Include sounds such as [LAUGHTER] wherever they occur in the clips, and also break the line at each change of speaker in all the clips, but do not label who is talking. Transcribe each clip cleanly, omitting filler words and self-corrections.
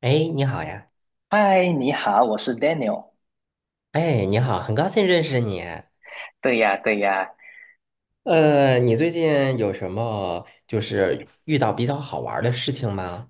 哎，你好呀！
嗨，你好，我是 Daniel。
哎，你好，很高兴认识你。
对呀，对呀。
你最近有什么就是遇到比较好玩儿的事情吗？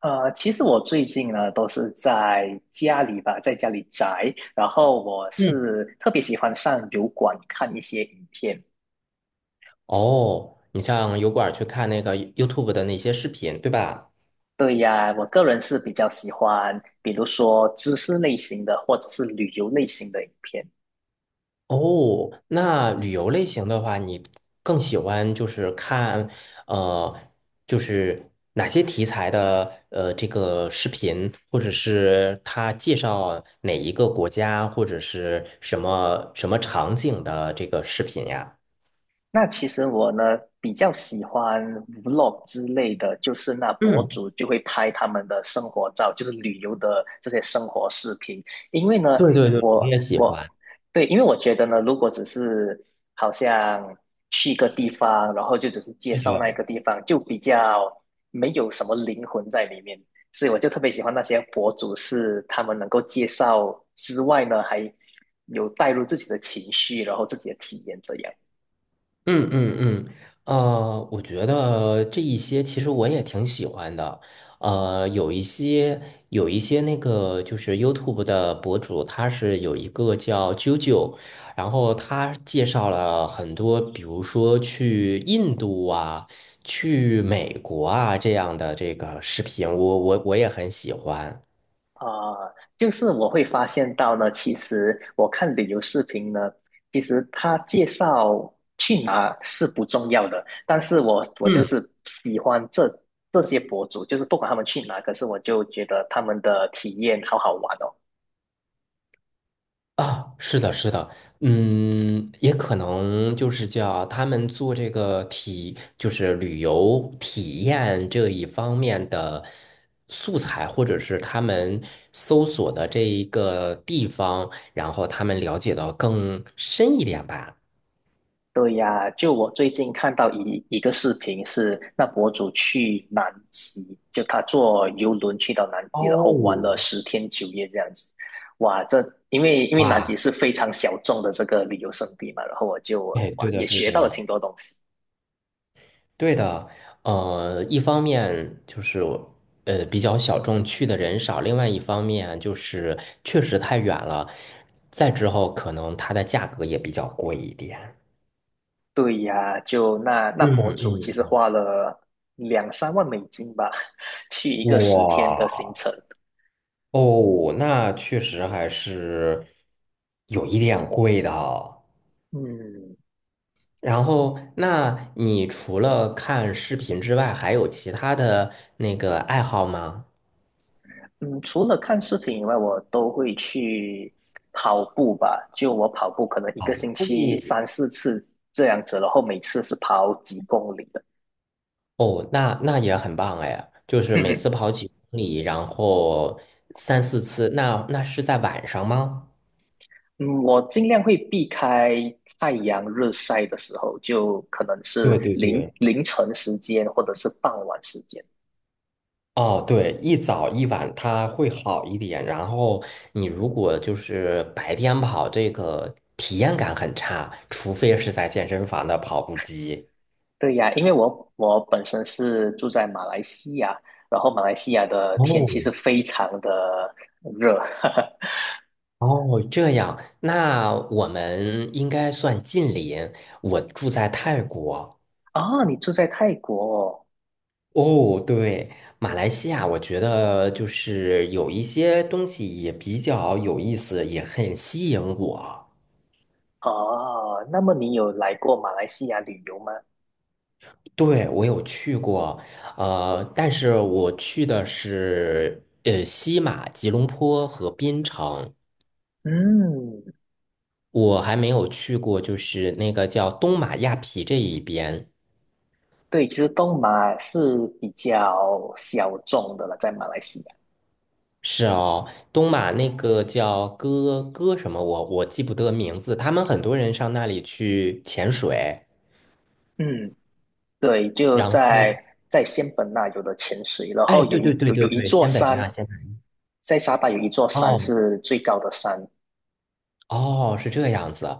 其实我最近呢都是在家里吧，在家里宅。然后我
嗯。
是特别喜欢上油管看一些影片。
哦，你上油管儿去看那个 YouTube 的那些视频，对吧？
对呀，我个人是比较喜欢，比如说知识类型的或者是旅游类型的影片。
哦，那旅游类型的话，你更喜欢就是看，呃，就是哪些题材的这个视频，或者是他介绍哪一个国家，或者是什么什么场景的这个视频呀？
那其实我呢比较喜欢 vlog 之类的，就是那博
嗯，
主就会拍他们的生活照，就是旅游的这些生活视频。因为呢，
对对对，我
我
也喜欢。
我对，因为我觉得呢，如果只是好像去一个地方，然后就只是介
是
绍那一
的。
个地方，就比较没有什么灵魂在里面。所以我就特别喜欢那些博主，是他们能够介绍之外呢，还有带入自己的情绪，然后自己的体验这样。
嗯嗯嗯，我觉得这一些其实我也挺喜欢的，有一些那个就是 YouTube 的博主，他是有一个叫啾啾，然后他介绍了很多，比如说去印度啊，去美国啊这样的这个视频，我也很喜欢。
啊、就是我会发现到呢，其实我看旅游视频呢，其实他介绍去哪是不重要的，但是我就
嗯。
是喜欢这些博主，就是不管他们去哪，可是我就觉得他们的体验好好玩哦。
啊，是的，是的，嗯，也可能就是叫他们做这个体，就是旅游体验这一方面的素材，或者是他们搜索的这一个地方，然后他们了解到更深一点吧。
对呀，就我最近看到一个视频是，那博主去南极，就他坐游轮去到南极，然后玩
哦，
了10天9夜这样子。哇，这因为因为南极
哇，
是非常小众的这个旅游胜地嘛，然后我就
哎，
哇
对的，
也
对
学到了
的。
挺多东西。
对的，一方面就是比较小众，去的人少；另外一方面就是确实太远了，再之后可能它的价格也比较贵一点。
对呀，就那
嗯
博主其实
嗯，
花了2、3万美金吧，[LAUGHS] 去一个10天的
哇
行程。
哦，那确实还是有一点贵的哦。
嗯，
然后，那你除了看视频之外，还有其他的那个爱好吗？
嗯，除了看视频以外，我都会去跑步吧。就我跑步，可能一个
哦，
星期3、4次这样子，然后每次是跑几公里的。
哦，那也很棒哎，就是每次
[LAUGHS]
跑几公里，然后3、4次，那是在晚上吗？
嗯，我尽量会避开太阳日晒的时候，就可能是
对对
凌
对。
凌晨时间或者是傍晚时间。
哦，对，一早一晚它会好一点，然后你如果就是白天跑，这个体验感很差，除非是在健身房的跑步机。
对呀，因为我本身是住在马来西亚，然后马来西亚的天
哦，
气是非常的热。[LAUGHS]
哦，这样，那我们应该算近邻，我住在泰国。
哦，你住在泰国哦。
哦，对，马来西亚，我觉得就是有一些东西也比较有意思，也很吸引我。
哦，那么你有来过马来西亚旅游吗？
对，我有去过，但是我去的是西马、吉隆坡和槟城，
嗯，
我还没有去过，就是那个叫东马亚皮这一边。
对，其实东马是比较小众的了，在马来西亚。
是哦，东马那个叫哥哥什么，我记不得名字。他们很多人上那里去潜水。
嗯，对，就
然
在
后
在仙本那有的潜水，然
哎，
后有
对
一
对对
有
对
有一
对，
座
仙本那，
山，
仙本
在沙巴有一座山
哦
是最高的山，
哦，是这样子，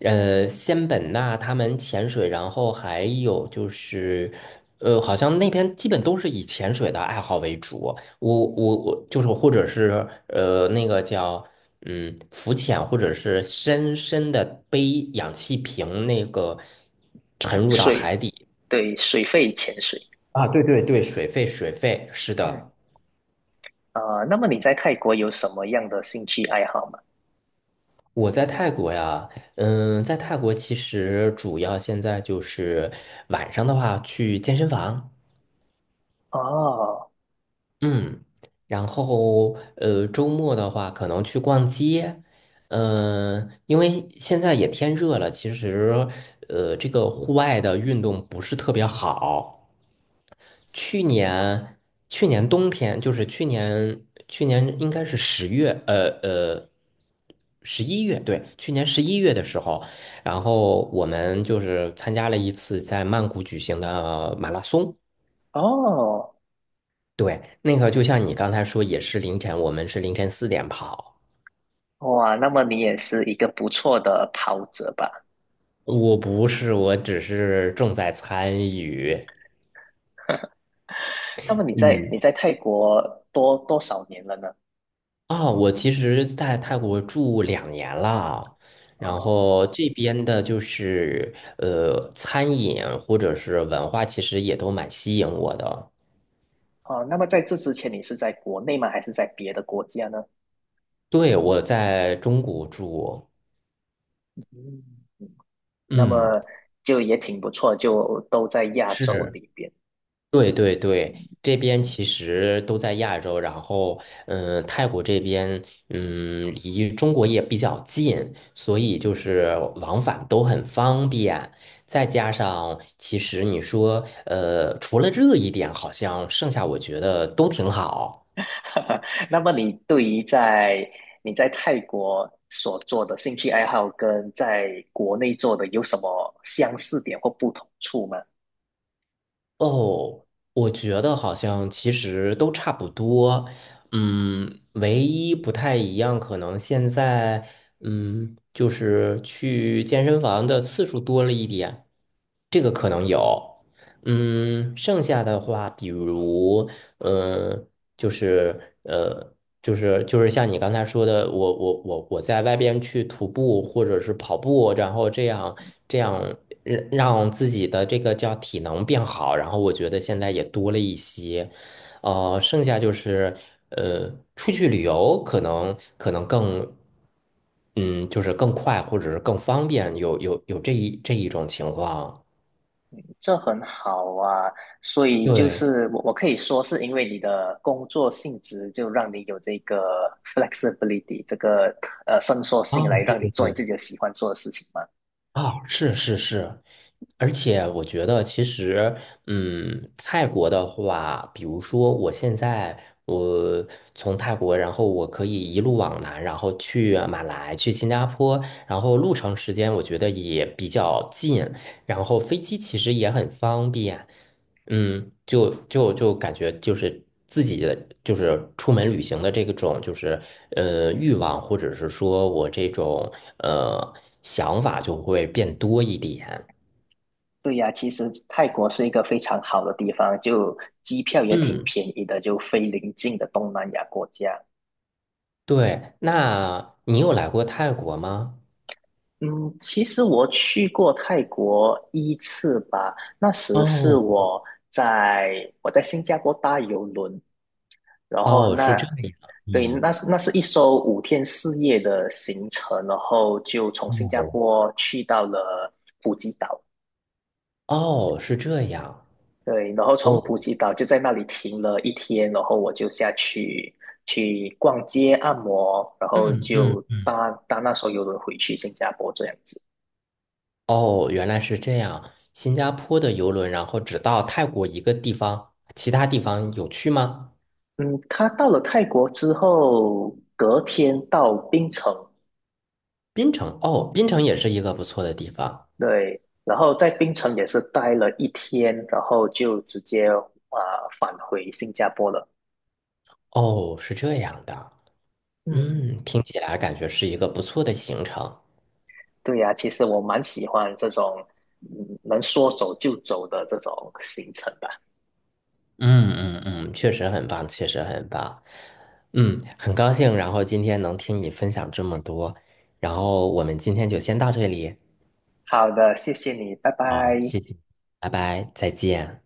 仙本那他们潜水，然后还有就是，好像那边基本都是以潜水的爱好为主，我就是或者是那个叫浮潜，或者是深深的背氧气瓶那个沉
嗯
入到海
水，
底
对，水肺潜水。
啊，对对对，水肺，是
嗯，
的。
啊、那么你在泰国有什么样的兴趣爱好吗？
我在泰国呀，在泰国其实主要现在就是晚上的话去健身房。
哦
嗯，然后周末的话可能去逛街，因为现在也天热了，其实这个户外的运动不是特别好。去年去年冬天，就是去年应该是10月，十一月，对，去年十一月的时候，然后我们就是参加了一次在曼谷举行的马拉松。
哦，
对，那个就像你刚才说，也是凌晨，我们是凌晨4点跑。
哇，那么你也是一个不错的跑者吧？
我不是，我只是重在参与。
那么你在你
嗯，
在泰国多少年了呢？
啊、我其实在泰国住2年了，然
哦
后这边的就是餐饮或者是文化，其实也都蛮吸引我的。
哦，那么在这之前你是在国内吗？还是在别的国家呢？
对，我在中国住，
嗯，那
嗯，
么就也挺不错，就都在亚洲
是。
里边。
对对对，这边其实都在亚洲，然后泰国这边离中国也比较近，所以就是往返都很方便。再加上，其实你说除了热一点，好像剩下我觉得都挺好。
[LAUGHS] 那么你对于在你在泰国所做的兴趣爱好跟在国内做的有什么相似点或不同处吗？
哦，我觉得好像其实都差不多，唯一不太一样，可能现在，就是去健身房的次数多了一点，这个可能有。剩下的话，比如，嗯，就是呃，就是像你刚才说的，我在外边去徒步或者是跑步，然后这样让自己的这个叫体能变好，然后我觉得现在也多了一些，剩下就是呃，出去旅游可能更，嗯，就是更快或者是更方便，有这一种情况，
这很好啊，所以就
对。
是我可以说是因为你的工作性质，就让你有这个 flexibility 这个伸缩
啊，
性来
对
让你
对
做你自
对，
己的喜欢做的事情嘛。
啊，是是是，而且我觉得其实，泰国的话，比如说我现在我从泰国，然后我可以一路往南，然后去马来，去新加坡，然后路程时间我觉得也比较近，然后飞机其实也很方便。就感觉就是自己的就是出门旅行的这个种就是欲望，或者是说我这种呃想法就会变多一点。
对呀，其实泰国是一个非常好的地方，就机票也挺
嗯，
便宜的，就非邻近的东南亚国家。
对。那你有来过泰国吗？
嗯，其实我去过泰国一次吧，那时是
哦
我在我在新加坡搭邮轮，然后
哦，是这样。
对，
嗯，
那是一艘5天4夜的行程，然后就从新加
哦
坡去到了普吉岛，
哦，是这样。
对，然后
哦，
从普吉岛就在那里停了一天，然后我就下去去逛街、按摩，然后
嗯嗯
就
嗯，
搭那艘游轮回去新加坡这样子。
哦，原来是这样。新加坡的游轮，然后只到泰国一个地方，其他地方有去吗？
嗯，他到了泰国之后，隔天到槟城
槟城哦，槟城也是一个不错的地方。
对，然后在槟城也是待了一天，然后就直接返回新加坡了。
哦，是这样的。
嗯，
嗯，听起来感觉是一个不错的行程。
对呀、其实我蛮喜欢这种能说走就走的这种行程吧。
嗯嗯嗯，确实很棒，确实很棒。嗯，很高兴，然后今天能听你分享这么多，然后我们今天就先到这里。
好的，谢谢你，拜
好，
拜。
谢谢，拜拜，再见。